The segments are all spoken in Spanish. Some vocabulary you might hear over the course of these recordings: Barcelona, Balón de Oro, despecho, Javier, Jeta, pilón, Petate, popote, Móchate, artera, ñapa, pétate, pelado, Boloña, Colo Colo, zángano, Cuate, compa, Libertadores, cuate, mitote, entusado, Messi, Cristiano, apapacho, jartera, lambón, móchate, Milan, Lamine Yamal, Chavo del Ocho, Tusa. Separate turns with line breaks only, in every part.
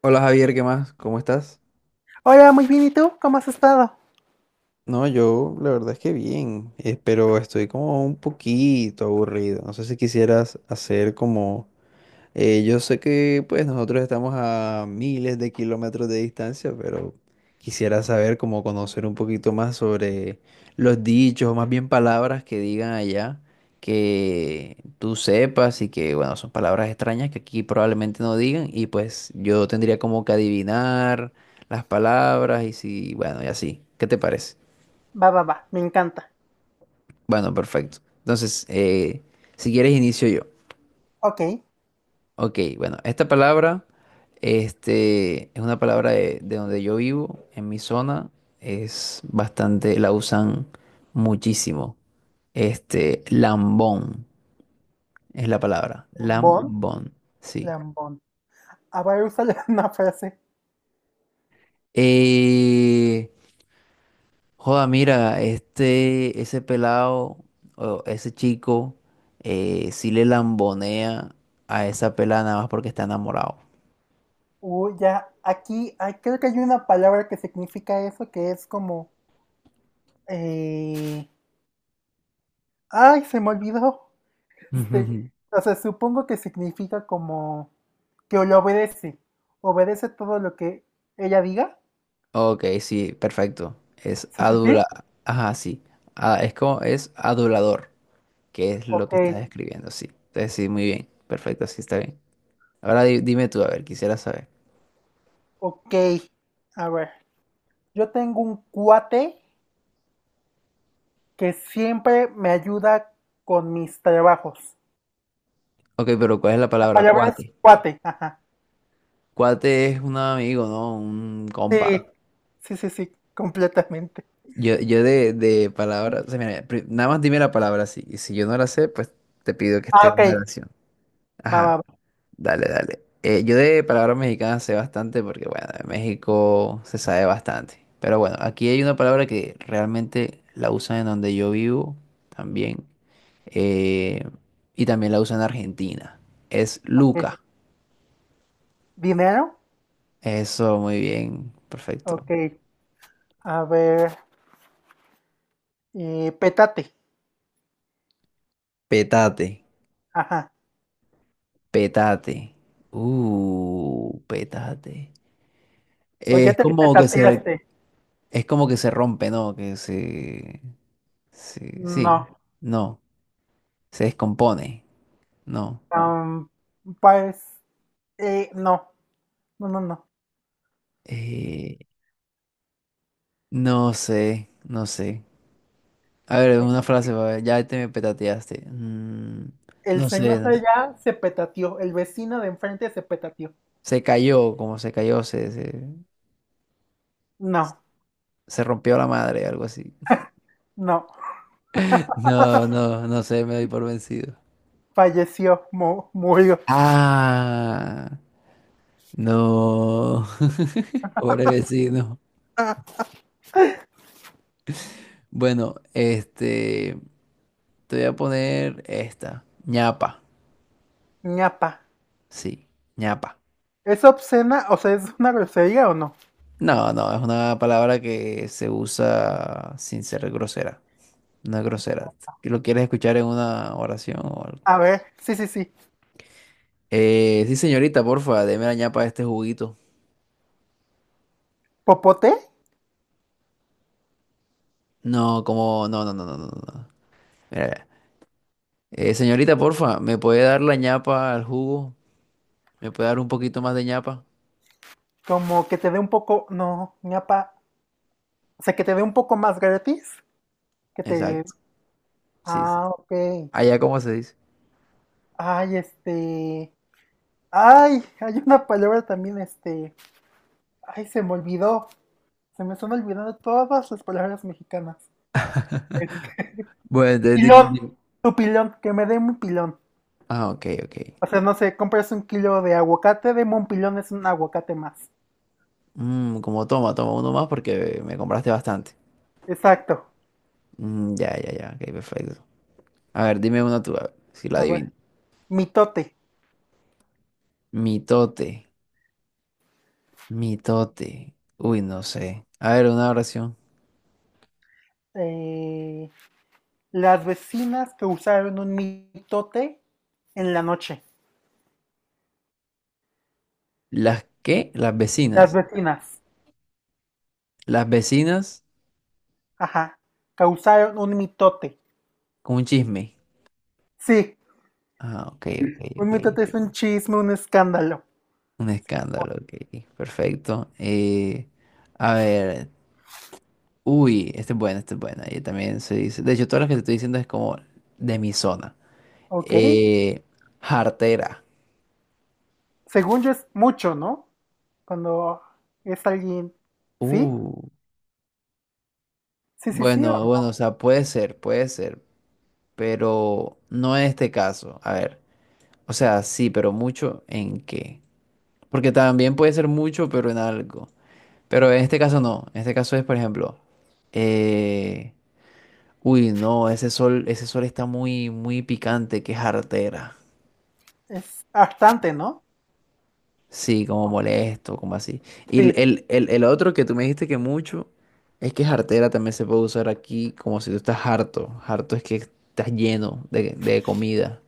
Hola Javier, ¿qué más? ¿Cómo estás?
Hola, muy bien, ¿y tú? ¿Cómo has estado?
No, yo la verdad es que bien, pero estoy como un poquito aburrido. No sé si quisieras hacer como. Yo sé que pues nosotros estamos a miles de kilómetros de distancia, pero quisiera saber cómo conocer un poquito más sobre los dichos, o más bien palabras que digan allá, que tú sepas y que bueno, son palabras extrañas que aquí probablemente no digan y pues yo tendría como que adivinar las palabras y si, bueno, y así. ¿Qué te parece?
Va, va, va, me encanta.
Bueno, perfecto. Entonces, si quieres inicio yo.
Ok,
Ok, bueno, esta palabra este, es una palabra de donde yo vivo, en mi zona, es bastante, la usan muchísimo. Este, lambón es la palabra,
lambón,
lambón, sí.
lambón. A ver úsale una frase.
Eh, Joda, mira, este, ese pelado o ese chico sí le lambonea a esa pelada nada más porque está enamorado.
Ya, aquí, creo que hay una palabra que significa eso, que es como... eh, ay, se me olvidó. Este, o sea, supongo que significa como que lo obedece. Obedece todo lo que ella diga.
Ok, sí, perfecto. Es
Sí, sí, sí.
adula... Ajá, sí. Ah, es como, es adulador, que es lo
Ok,
que estás escribiendo, sí. Entonces, sí, muy bien. Perfecto, sí, está bien. Ahora dime tú, a ver, quisiera saber.
ok. A ver, yo tengo un cuate que siempre me ayuda con mis trabajos.
Ok, pero ¿cuál es la
La
palabra?
palabra es
Cuate.
cuate. Ajá.
Cuate es un amigo, ¿no? Un compa.
Sí, sí, sí, sí, completamente.
Yo de palabras, o sea, mira, nada más dime la palabra, sí. Y si yo no la sé, pues te pido que esté
Ah,
en una
ok,
oración.
va, va,
Ajá,
va.
dale, dale. Yo de palabras mexicanas sé bastante porque, bueno, en México se sabe bastante. Pero bueno, aquí hay una palabra que realmente la usan en donde yo vivo también. eh, y también la usan en Argentina. Es
Ok.
Luca.
¿Dinero?
Eso, muy bien, perfecto.
Ok, a ver, pétate.
Petate.
Ajá.
Petate. Petate.
¿O ya
Es
te
como que se, re-
petateaste?
es como que se rompe, ¿no? Que se, sí, sí,
No.
no. Se descompone. No.
am, pues, no, no, no, no.
Eh, no sé, no sé. A ver,
Eh,
una frase, pa' ver, ya te me petateaste.
el
No sé,
señor
no
de
sé.
allá se petateó, el vecino de enfrente se petateó.
Se cayó, como se cayó,
No,
se rompió la madre, algo así.
no,
No, no, no sé, me doy por vencido.
falleció, mu- murió.
Ah, no. Pobre vecino. Bueno, este, te voy a poner esta. Ñapa.
Ñapa.
Sí, ñapa.
¿Es obscena? O sea, ¿es una grosería o no?
No, no, es una palabra que se usa sin ser grosera. No es grosera. Si, ¿lo quieres escuchar en una oración o algo?
A ver, sí, sí, sí.
Sí, señorita, porfa, deme la ñapa de este juguito.
¿Popote?
No, como, no, no, no, no, no, no. Mira, mira. Señorita, porfa, ¿me puede dar la ñapa al jugo? ¿Me puede dar un poquito más de ñapa?
Como que te dé un poco. No, ñapa. O sea, que te dé un poco más gratis. Que te.
Exacto, sí, sí.
Ah, ok.
Allá, ¿cómo se dice?
Ay, este. Ay, hay una palabra también, este. Ay, se me olvidó. Se me están olvidando todas las palabras mexicanas. Este,
Bueno, entonces dime,
pilón.
dime.
Tu pilón, que me dé un pilón.
Ah, ok, ok.
O sea, no sé, compras un kilo de aguacate, deme un pilón, es un aguacate más.
Como toma, toma uno más porque me compraste bastante.
Exacto.
Mm, ya, ya, ya, ok, perfecto. A ver, dime una tú, a ver, si la
A ver,
adivino.
mitote.
Mitote, mitote. Uy, no sé. A ver, una oración.
eh, las vecinas causaron un mitote en la noche.
¿Las qué? Las
Las
vecinas.
vecinas,
Las vecinas
ajá, causaron un mitote.
con un chisme.
Sí,
Ah, ok, ok,
un
ok.
mitote es un chisme, un escándalo.
Un escándalo, ok. Perfecto. A ver. Uy, este es bueno, este es bueno. Yo también se dice. De hecho, todas las que te estoy diciendo es como de mi zona.
¿Ok?
Eh, Jartera.
Según yo es mucho, ¿no? Cuando es alguien, ¿sí?
Uh,
Sí, sí, sí, o-
bueno, bueno, o sea, puede ser, puede ser. Pero no en este caso. A ver, o sea, sí, pero mucho en qué. Porque también puede ser mucho, pero en algo. Pero en este caso no. En este caso es, por ejemplo, eh, uy, no, ese sol está muy, muy picante, que es artera.
es bastante, ¿no?
Sí, como molesto, como así. Y el,
Sí.
el, el- el otro que tú me dijiste que mucho es que es jartera también se puede usar aquí como si tú estás harto. Harto es que estás lleno de comida.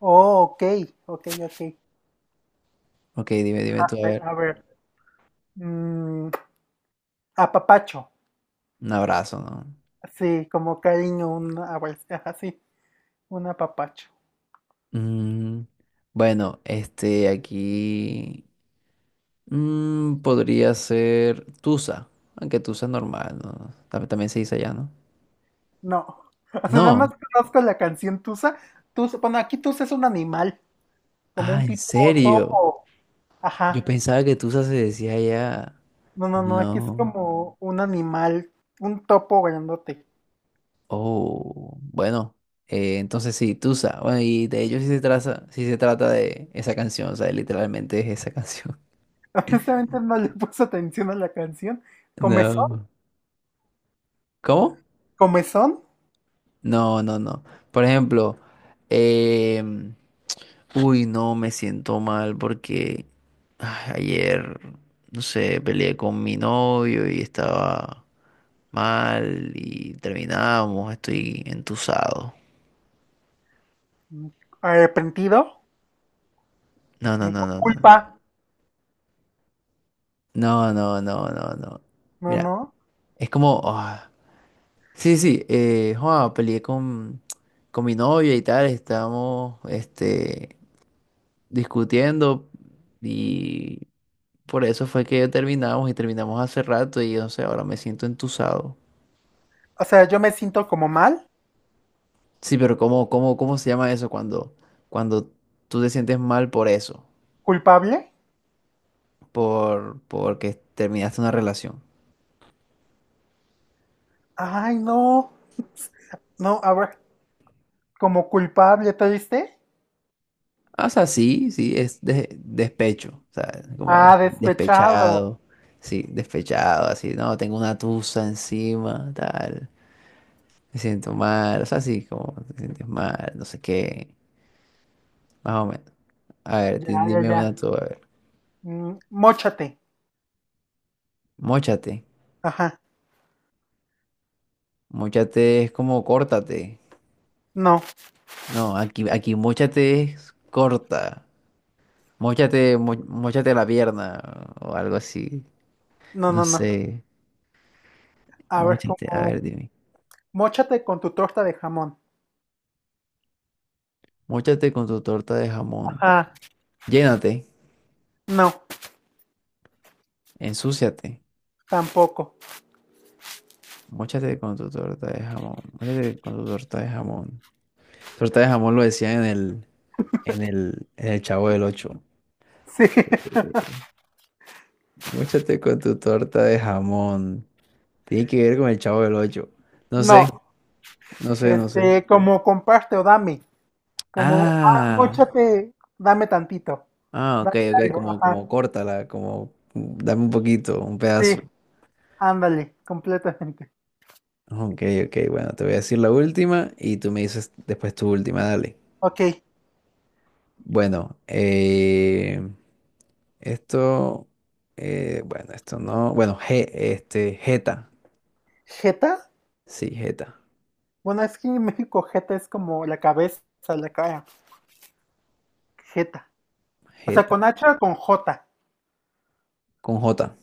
Oh, ok, ok, ok.
Ok, dime, dime tú, a ver.
A ver, mm, apapacho,
Un abrazo, ¿no?
sí, como cariño, un abrazo, ajá, sí, un apapacho.
Mm, bueno, este aquí podría ser Tusa, aunque Tusa es normal, ¿no? También se dice allá, ¿no?
No. O sea, nada más
No.
conozco la canción Tusa. Tusa, bueno, aquí Tusa es un animal, como
Ah,
un
¿en
tipo
serio?
topo.
Yo
Ajá.
pensaba que Tusa se decía allá.
No, no, no, aquí es
No.
como un animal, un topo grandote.
Oh, bueno. Entonces sí, Tusa. Bueno, y de ello sí se trata de esa canción, o sea, literalmente es esa canción.
Honestamente no le puse atención a la canción. Comezón,
No. ¿Cómo?
comezón,
No, no, no. Por ejemplo, em, uy, no, me siento mal porque ayer, no sé, peleé con mi novio y estaba mal y terminamos, estoy entusado.
mm, arrepentido,
No, no, no,
con
no, no.
culpa.
No, no, no, no, no.
No,
Mira,
no.
es como, sí, sí, joa, peleé con mi novia y tal, estábamos este, discutiendo y por eso fue que terminamos y terminamos hace rato y no sé, ahora me siento entusado.
O sea, yo me siento como mal,
Sí, pero ¿¿cómo se llama eso cuando tú te sientes mal por eso?
culpable.
Porque terminaste una relación.
Ay, no. No, ahora, como culpable, ¿te viste?
Ah, o sea, sí, sí, es despecho. O sea, como
Ah, despechado.
despechado. Sí, despechado, así, no, tengo una tusa encima, tal. Me siento mal. O sea, sí, como te sientes mal, no sé qué. Más o menos. A ver,
Ya, ya,
dime una
ya.
tú, a ver.
Móchate.
Móchate.
Ajá.
Móchate es como córtate.
No,
No, aquí móchate es corta. Móchate, móchate la pierna o algo así.
no,
No
no, no.
sé.
A ver,
Móchate, a ver,
como.
dime.
Móchate con tu torta de jamón.
Móchate con tu torta de jamón.
Ajá.
Llénate,
No,
ensúciate.
tampoco.
Móchate con tu torta de jamón. Móchate con tu torta de jamón. Torta de jamón lo decían en el, Chavo del Ocho.
Sí.
Eh, Móchate con tu torta de jamón. Tiene que ver con el Chavo del Ocho. No
No.
sé, no sé, no
Este,
sé.
como comparte o dame. Como, ah,
Ah.
móchate, dame tantito.
Ah, ok,
Dame
ok,
algo.
como,
Ajá.
como córtala, como dame un poquito, un
Sí.
pedazo.
Ándale, completamente.
Ok, ok, bueno, te voy a decir la última y tú me dices después tu última, dale.
Ok.
Bueno, esto, bueno, esto no, bueno, G, este, Jeta,
¿Jeta?
sí, Jeta,
Bueno, es que en México jeta es como la cabeza, la cara. Jeta. O sea,
Jeta,
con H o con J.
con J,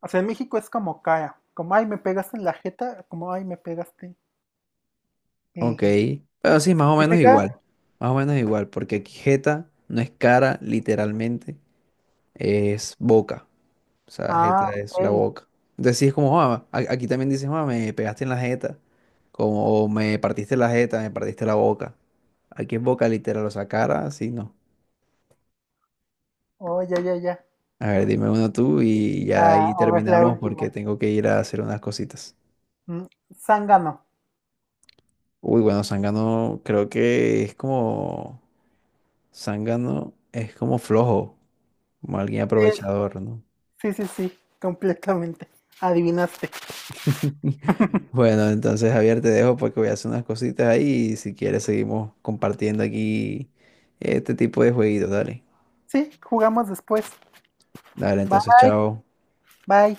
O sea, en México es como cara, como ay, me pegaste en la jeta, como ay, me pegaste.
ok.
Eje.
Pero sí, más o menos
¿Significa?
igual, más o menos igual, porque aquí Jeta no es cara, literalmente, es boca. O sea,
Ah,
jeta es la
ok.
boca. Entonces sí es como, "Ah, aquí también dices, "Ah, me pegaste en la jeta". Como, o me partiste la jeta, me partiste la boca. Aquí es boca literal, o sea, cara, sí no.
Oh, ya, ya, ya.
A ver, dime uno tú y ya
Ah,
ahí
ahora es la
terminamos
última.
porque tengo que ir a hacer unas cositas.
Mm, Zángano.
Uy, bueno, Zángano creo que es como, Zángano es como flojo, como alguien
Sí.
aprovechador, ¿no?
Sí, sí, sí, completamente. Adivinaste.
Bueno, entonces Javier, te dejo porque voy a hacer unas cositas ahí y si quieres seguimos compartiendo aquí este tipo de jueguitos, dale.
Sí, jugamos después.
Dale,
Bye.
entonces, chao.
Bye.